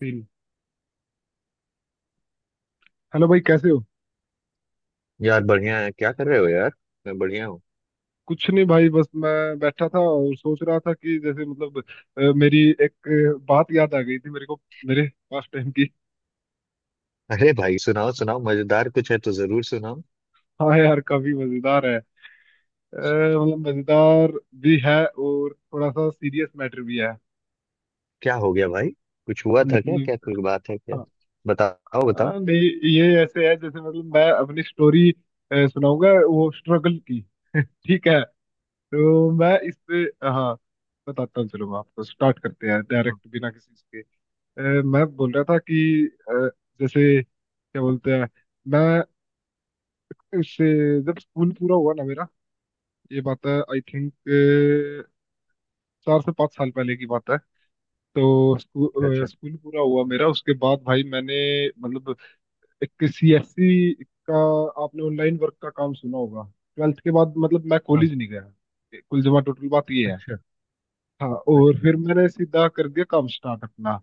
तीन। हेलो भाई, कैसे हो? यार बढ़िया है, क्या कर रहे हो यार। मैं बढ़िया हूँ। कुछ नहीं भाई, बस मैं बैठा था और सोच रहा था कि जैसे मतलब मेरी एक बात याद आ गई थी मेरे को। मेरे पास टाइम की। अरे भाई, सुनाओ सुनाओ, मजेदार कुछ है तो जरूर सुनाओ। हाँ यार, काफी मजेदार है। मतलब मजेदार भी है और थोड़ा सा सीरियस मैटर भी है। क्या हो गया भाई? कुछ हुआ था क्या? क्या मतलब कोई बात है क्या? हाँ। बताओ बताओ। नहीं, ये ऐसे है जैसे मतलब मैं अपनी स्टोरी सुनाऊंगा वो स्ट्रगल की। ठीक है। तो मैं इस पे हाँ बताता हूँ। चलो मैं आपको स्टार्ट करते हैं हाँ, डायरेक्ट, बिना किसी मैं बोल रहा था कि अ, जैसे क्या बोलते हैं। मैं उससे, जब स्कूल पूरा हुआ ना मेरा, ये बात है आई थिंक 4 से 5 साल पहले की बात है। तो अच्छा स्कूल अच्छा। स्कूल पूरा हुआ मेरा, उसके बाद भाई मैंने मतलब एक सीएससी का, आपने ऑनलाइन वर्क का काम सुना होगा। 12th के बाद मतलब मैं हाँ, कॉलेज नहीं गया, कुल जमा टोटल बात ये है। अच्छा हाँ, और अच्छा। फिर मैंने सीधा कर दिया काम स्टार्ट अपना।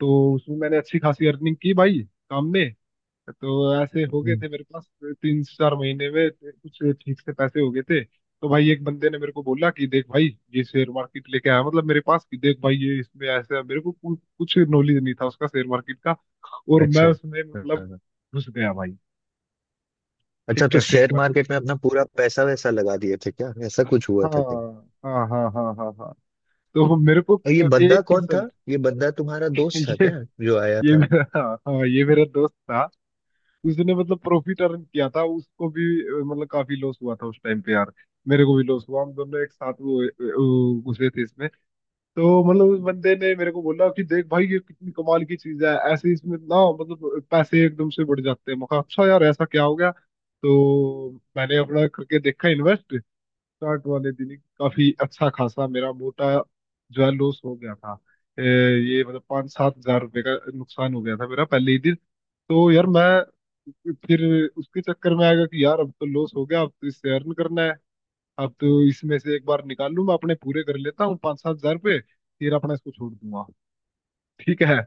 तो उसमें मैंने अच्छी खासी अर्निंग की भाई, काम में। तो ऐसे हो गए हम्म, थे मेरे पास 3-4 महीने में, कुछ ठीक से पैसे हो गए थे। तो भाई एक बंदे ने मेरे को बोला कि देख भाई, ये शेयर मार्केट लेके आया मतलब मेरे पास, कि देख भाई ये इसमें ऐसा है। मेरे को कुछ नॉलेज नहीं था उसका, शेयर मार्केट का। और मैं अच्छा। उसमें हाँ, मतलब हाँ। हाँ। घुस गया भाई। अच्छा, ठीक तो है, शेयर शेयर मार्केट। मार्केट में अपना पूरा पैसा वैसा लगा दिए थे क्या? ऐसा कुछ हुआ हाँ था क्या? हाँ हाँ हाँ हाँ हाँ। तो मेरे को और ये बंदा एक कौन था? परसेंट ये बंदा तुम्हारा दोस्त था ये क्या, जो आया ये था? मेरा हाँ। हाँ, ये मेरा दोस्त था। उसने मतलब प्रॉफिट अर्न किया था, उसको भी मतलब काफी लॉस हुआ था उस टाइम पे यार। मेरे को भी लॉस हुआ, हम दोनों एक साथ वो घुसे थे इसमें। तो मतलब उस बंदे ने मेरे को बोला कि देख भाई, ये कितनी कमाल की चीज है, ऐसे इसमें ना मतलब पैसे एकदम से बढ़ जाते हैं। मैं कहा अच्छा यार, ऐसा क्या हो गया तो। मैंने अपना करके देखा, इन्वेस्ट। स्टार्ट वाले दिन ही काफी अच्छा खासा मेरा मोटा जो है लॉस हो गया था। ये मतलब 5-7 हज़ार रुपये का नुकसान हो गया था मेरा पहले ही दिन। तो यार मैं फिर उसके चक्कर में आएगा कि यार, अब तो लॉस हो गया, अब तो इससे अर्न करना है। अब तो इसमें से एक बार निकाल लूं, मैं अपने पूरे कर लेता हूँ 5-7 हज़ार रुपये, फिर अपना इसको छोड़ दूंगा। ठीक है।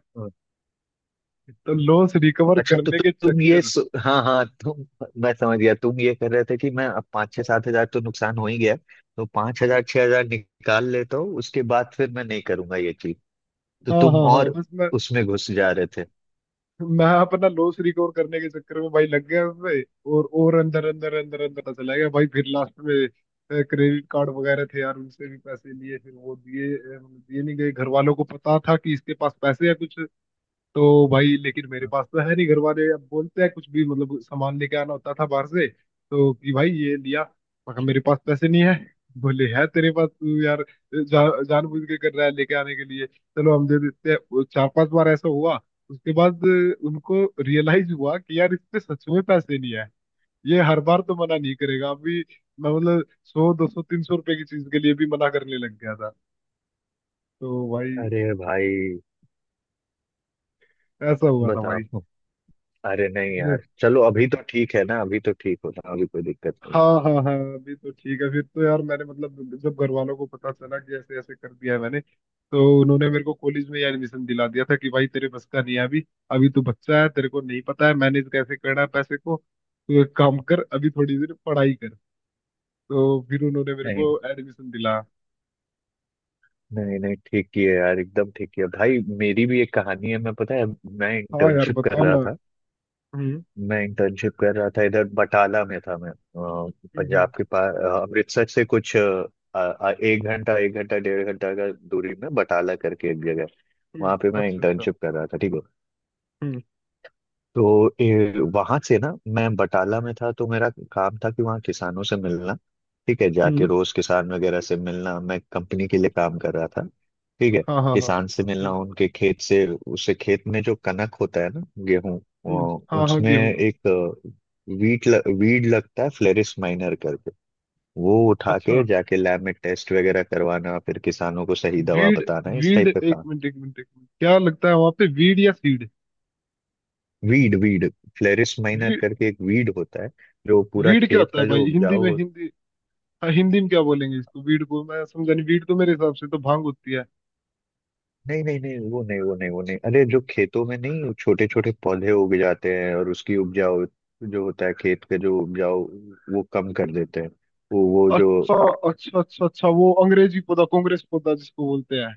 तो लॉस रिकवर अच्छा, तो करने तु, के तुम चक्कर। हाँ हाँ तुम। मैं समझ गया, तुम ये कर रहे थे कि मैं अब पाँच छः सात हजार तो नुकसान हो ही गया, तो पाँच हजार छह हजार निकाल लेता हूँ, उसके बाद फिर मैं नहीं करूंगा ये चीज। तो हाँ तुम हाँ हाँ, और बस उसमें घुस जा रहे थे। मैं अपना लॉस रिकवर करने के चक्कर में भाई लग गया उसमें। और अंदर अंदर अंदर अंदर चला गया भाई। फिर लास्ट में क्रेडिट कार्ड वगैरह थे यार, उनसे भी पैसे लिए। फिर वो दिए दिए नहीं गए। घर वालों को पता था कि इसके पास पैसे है कुछ। तो भाई, लेकिन मेरे पास तो है नहीं। घर वाले अब बोलते हैं कुछ भी, मतलब सामान लेके आना होता था बाहर से, तो कि भाई ये लिया। मैं कहा, मेरे पास पैसे नहीं है। बोले है तेरे पास, तू यार जानबूझ के कर रहा है, लेके आने के लिए चलो हम दे देते हैं। वो 4-5 बार ऐसा हुआ। उसके बाद उनको रियलाइज हुआ कि यार इसमें सच में पैसे नहीं है, ये हर बार तो मना नहीं करेगा अभी। मैं मतलब 100, 200, 300 रुपए की चीज के लिए भी मना करने लग गया था। तो भाई, अरे भाई, ऐसा हुआ था भाई। बताओ। अरे नहीं यार, चलो अभी तो ठीक है ना, अभी तो ठीक हो रहा, अभी कोई दिक्कत नहीं। हाँ हाँ हाँ, अभी तो ठीक है। फिर तो यार मैंने मतलब, जब घर वालों को पता चला कि ऐसे ऐसे कर दिया है मैंने, तो उन्होंने मेरे को कॉलेज में ही एडमिशन दिला दिया था कि भाई तेरे बस का नहीं है अभी। अभी तू बच्चा है, तेरे को नहीं पता है मैनेज कैसे करना है पैसे को। तो एक काम कर, अभी थोड़ी देर पढ़ाई कर। तो फिर उन्होंने मेरे नहीं को एडमिशन दिलाया। नहीं नहीं, ठीक ही है यार, एकदम ठीक ही है भाई। मेरी भी एक कहानी है, मैं पता है, मैं हाँ यार, इंटर्नशिप कर बताओ रहा ना। था। हम्म मैं इंटर्नशिप कर रहा था, इधर बटाला में था मैं। हम्म पंजाब हम्म के पास, अमृतसर से कुछ एक घंटा, एक घंटा डेढ़ घंटा का दूरी में, बटाला करके एक जगह। वहां पे मैं अच्छा अच्छा। इंटर्नशिप कर रहा था, ठीक है। हम्म तो वहां से ना, मैं बटाला में था तो मेरा काम था कि वहाँ किसानों से मिलना। ठीक है, जाके हम्म। रोज किसान वगैरह से मिलना, मैं कंपनी के लिए काम कर रहा था, ठीक है। हाँ हाँ हाँ। किसान से मिलना, हम्म उनके खेत से, उससे खेत में जो कनक होता है ना, गेहूं, हम्म। हाँ हाँ, उसमें गेहूँ। एक वीड लगता है, फ्लेरिस माइनर करके। वो उठा के अच्छा। जाके लैब में टेस्ट वगैरह करवाना, फिर किसानों को सही दवा वीड। बताना, इस वीड, टाइप का एक काम। मिनट एक मिनट एक मिनट, क्या लगता है वहां पे, वीड या सीड? वीड वीड, फ्लेरिस माइनर वीड। करके एक वीड होता है, जो पूरा वीड क्या खेत होता का है जो भाई, हिंदी उपजाऊ में? हो। हिंदी हाँ, हिंदी में क्या बोलेंगे इसको? वीड को मैं समझा नहीं। वीड तो मेरे हिसाब से तो भांग होती है। नहीं नहीं नहीं, वो नहीं, वो नहीं, वो नहीं, अरे जो खेतों में नहीं, छोटे छोटे पौधे उग जाते हैं, और उसकी उपजाऊ जो होता है खेत के, जो उपजाऊ वो कम कर देते हैं। वो जो। अच्छा अच्छा अच्छा अच्छा, वो अंग्रेजी पौधा, कांग्रेस पौधा जिसको बोलते हैं।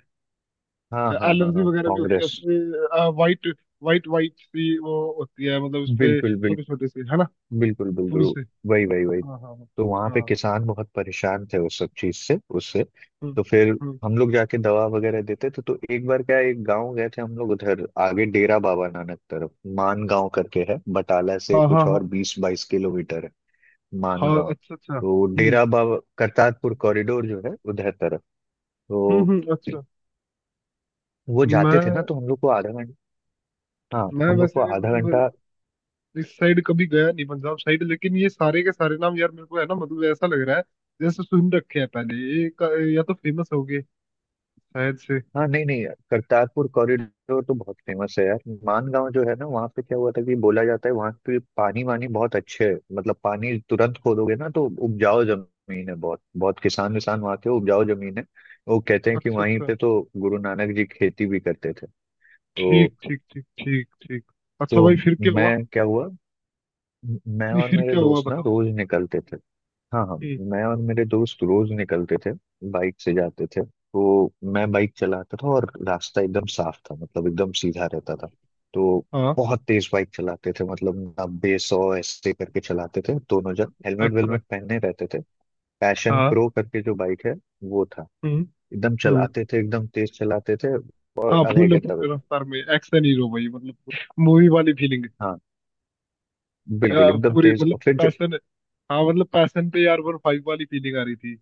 हाँ हाँ हाँ एलर्जी हाँ, वगैरह भी होती है कांग्रेस। उसपे। वाइट, वाइट वाइट सी वो होती है, मतलब उसपे बिल्कुल छोटे बिल्कुल। छोटे से है ना, बिल्कुल बिल्कुल। फूल से। वही वही वही। हाँ हाँ हाँ तो वहां पे हाँ। किसान बहुत परेशान थे उस सब चीज से, उससे। हम्म तो फिर। हम्म। हम लोग जाके दवा वगैरह देते थे, तो एक बार क्या है, एक गांव गए थे हम लोग उधर, आगे डेरा बाबा नानक तरफ। मान गांव करके है, बटाला से हाँ हाँ कुछ और हाँ। 20-22 किलोमीटर है। मान हाँ गांव। अच्छा अच्छा। तो डेरा बाबा करतारपुर कॉरिडोर जो है, उधर तरफ। तो हम्म। अच्छा। वो जाते थे ना, मैं तो हम लोग को आधा घंटा। हाँ, मैं हम लोग को वैसे आधा घंटा। मतलब इस साइड कभी गया नहीं, पंजाब साइड, लेकिन ये सारे के सारे नाम यार मेरे को है ना, मतलब ऐसा लग रहा है जैसे सुन रखे हैं पहले। ये या तो फेमस हो गए शायद से। हाँ नहीं नहीं, करतारपुर कॉरिडोर तो बहुत फेमस है यार। मानगांव जो है ना, वहाँ पे क्या हुआ था कि बोला जाता है वहाँ पे पानी वानी बहुत अच्छे है, मतलब पानी तुरंत खोदोगे ना तो उपजाऊ जमीन है, बहुत बहुत किसान विसान वहाँ के, उपजाऊ जमीन है। वो कहते हैं कि अच्छा वहीं अच्छा। पे तो गुरु नानक जी खेती भी करते थे। तो ठीक ठीक ठीक ठीक ठीक। अच्छा तो भाई, फिर क्या हुआ? मैं क्या हुआ। मैं नहीं, और फिर मेरे क्या हुआ, दोस्त ना बताओ। रोज निकलते थे। हाँ हाँ। हम्म। मैं और मेरे दोस्त रोज निकलते थे, बाइक से जाते थे, तो मैं बाइक चलाता था, और रास्ता एकदम साफ था, मतलब एकदम सीधा रहता था। तो हाँ बहुत तेज बाइक चलाते थे, मतलब 90-100 ऐसे करके चलाते थे, दोनों जन हेलमेट अच्छा। वेलमेट पहने रहते थे। पैशन हाँ। प्रो करके जो बाइक है, वो था। हम्म एकदम हम्म। चलाते थे, एकदम तेज चलाते थे। और हाँ, आधा एक फूल घंटा फूल रुका। रफ्तार में, एक्शन हीरो भाई मतलब, मूवी वाली फीलिंग। हाँ बिल्कुल, एकदम पूरी तेज। मतलब और फिर जब, पैशन। हाँ मतलब पैशन पे यार वन फाइव वाली फीलिंग आ रही थी।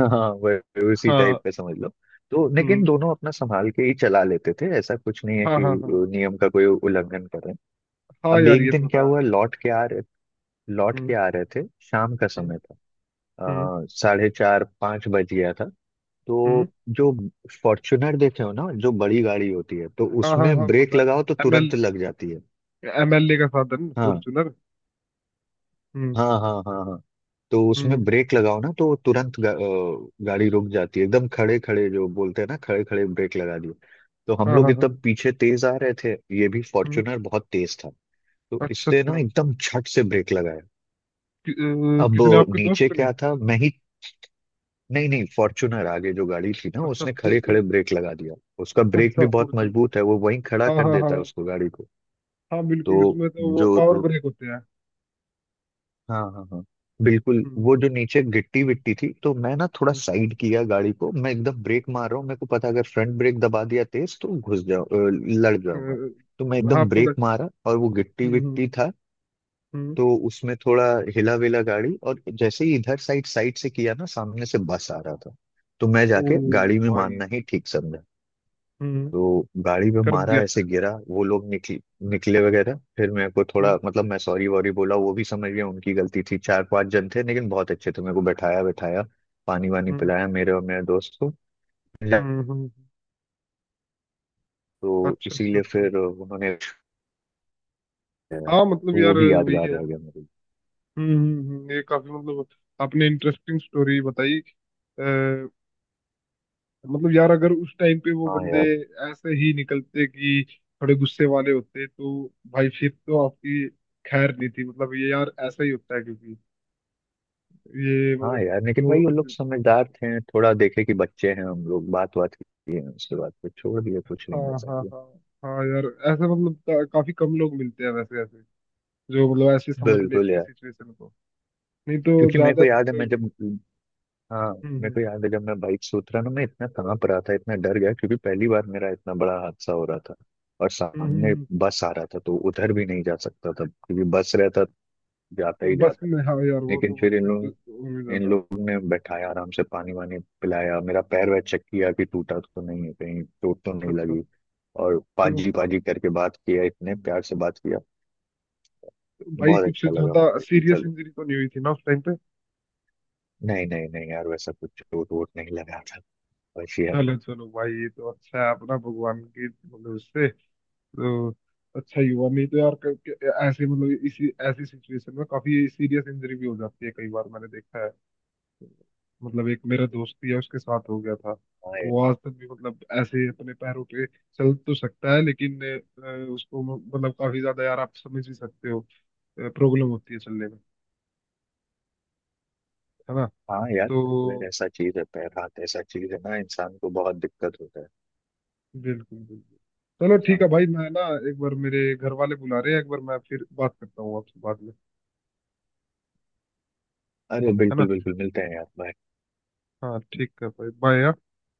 हाँ, उसी हाँ। टाइप का समझ लो। तो लेकिन हम्म। दोनों अपना संभाल के ही चला लेते थे, ऐसा कुछ नहीं है हाँ कि हाँ हाँ। नियम का कोई उल्लंघन कर रहे हैं। हाँ अब यार, एक ये दिन तो क्या है। हुआ, लौट के हम्म आ रहे थे, शाम का हम्म समय था, हम्म साढ़े चार पाँच बज गया था। हम्म। तो, जो फॉर्च्यूनर देखे हो ना, जो बड़ी गाड़ी होती है, तो हाँ हाँ उसमें हाँ ब्रेक पता है। लगाओ तो एमएल, तुरंत लग जाती है। एमएलए का साधन हाँ फॉर्चूनर। हम्म हाँ हाँ हाँ हाँ। तो हम्म। उसमें ब्रेक लगाओ ना तो तुरंत गाड़ी रुक जाती है एकदम, खड़े खड़े जो बोलते हैं ना, खड़े खड़े ब्रेक लगा दिए। तो हम हाँ लोग हाँ हाँ। एकदम पीछे तेज आ रहे थे। ये भी हम्म। फॉर्च्यूनर बहुत तेज था। तो अच्छा इसने अच्छा। ना एकदम झट से ब्रेक लगाया। अब किसने, आपके नीचे दोस्त ने? क्या था मैं ही, नहीं नहीं, फॉर्च्यूनर आगे जो गाड़ी थी ना, अच्छा उसने खड़े फॉर्चूनर। खड़े ब्रेक लगा दिया। उसका ब्रेक भी अच्छा बहुत फॉर्चूनर। मजबूत है, वो वहीं खड़ा हाँ कर हाँ देता है हाँ। उसको, गाड़ी को। हाँ तो बिल्कुल, इसमें तो वो जो, पावर ब्रेक होते हैं। हाँ हाँ हाँ बिल्कुल, हम्म वो जो नीचे गिट्टी विट्टी थी, तो मैं ना थोड़ा साइड किया गाड़ी को, मैं एकदम ब्रेक मार रहा हूँ, मेरे को पता है, अगर फ्रंट ब्रेक दबा दिया तेज तो घुस लड़ जाऊंगा। हम्म, तो मैं हाँ एकदम पड़ ब्रेक मारा, और वो गिट्टी हम्म। विट्टी था, हम्म, तो उसमें थोड़ा हिला विला गाड़ी। और जैसे ही इधर, साइड साइड से किया ना, सामने से बस आ रहा था, तो मैं ओ जाके गाड़ी में भाई। मानना ही ठीक समझा। हम्म, तो गाड़ी पे कर मारा, दिया। ऐसे गिरा। वो लोग निकले वगैरह। फिर मेरे को थोड़ा, हम्म मतलब मैं सॉरी वॉरी बोला, वो भी समझ गया, उनकी गलती थी। चार पांच जन थे लेकिन बहुत अच्छे थे, मेरे को बैठाया बैठाया, पानी वानी हम्म पिलाया मेरे और मेरे दोस्त को। हम्म हम्म, तो अच्छा अच्छा इसीलिए अच्छा। फिर उन्होंने, हाँ तो मतलब वो यार भी वही यादगार है। रह गया मेरे लिए। ये काफी मतलब, आपने इंटरेस्टिंग स्टोरी बताई। आ, मतलब यार, अगर उस टाइम पे वो हाँ बंदे यार। ऐसे ही निकलते कि थोड़े गुस्से वाले होते, तो भाई फिर तो आपकी खैर नहीं थी। मतलब ये यार, ऐसा ही होता है क्योंकि ये हाँ मतलब यार, लेकिन जो। भाई वो लोग समझदार थे, थोड़ा देखे कि बच्चे हैं हम लोग, बात बात की है, उसके बाद फिर छोड़ दिया, कुछ नहीं हाँ ऐसा हाँ किया। हाँ। हाँ यार, ऐसे मतलब काफी कम लोग मिलते हैं वैसे ऐसे, जो मतलब ऐसे समझ बिल्कुल लेते हैं यार। सिचुएशन को। नहीं तो क्योंकि मेरे को ज्यादातर याद है मैं लोग। जब, हाँ, हम्म मेरे हम्म को याद है जब मैं बाइक से उतरा ना, मैं इतना कांप रहा था, इतना डर गया, क्योंकि पहली बार मेरा इतना बड़ा हादसा हो रहा था। और हम्म हम्म, सामने हम्म, बस आ रहा था तो उधर भी नहीं जा सकता था क्योंकि बस रहता, जाता तो ही बस जाता। में, हाँ यार वो लेकिन तो फिर फिर तो उम्मीद इन था। लोगों ने बैठाया आराम से, पानी वानी पिलाया, मेरा पैर वैर चेक किया कि टूटा तो नहीं है, कहीं चोट तो नहीं अच्छा अच्छा। लगी। और तो पाजी पाजी करके बात किया, इतने प्यार से बात किया, भाई, बहुत कुछ अच्छा लगा ज्यादा मुझे कि सीरियस चलो। इंजरी तो नहीं हुई थी ना उस टाइम पे? नहीं नहीं नहीं यार, वैसा कुछ चोट वोट नहीं लगा था, बस ये। चलो चलो भाई, ये तो अच्छा है अपना। भगवान की मतलब, इससे तो अच्छा ही हुआ। नहीं तो यार ऐसे मतलब इसी, ऐसी सिचुएशन में काफी सीरियस इंजरी भी हो जाती है कई बार। मैंने देखा है, मतलब एक मेरा दोस्त ही है, उसके साथ हो गया था। हम। वो आज तक भी मतलब ऐसे ही अपने पैरों पे चल तो सकता है लेकिन उसको मतलब काफी ज्यादा, यार आप समझ ही सकते हो, प्रॉब्लम होती है चलने में, है ना? हाँ यार, तो पैरवेर ऐसा चीज है, पैर हाथ ऐसा चीज है ना, इंसान को बहुत दिक्कत होता है। बिल्कुल बिल्कुल। चलो हाँ ठीक है यार। भाई, मैं ना, एक बार मेरे घर वाले बुला रहे हैं, एक बार मैं फिर बात करता हूँ आपसे बाद में, अरे है बिल्कुल ना? बिल्कुल, मिलते हैं यार, bye। हाँ ठीक है भाई, बाय।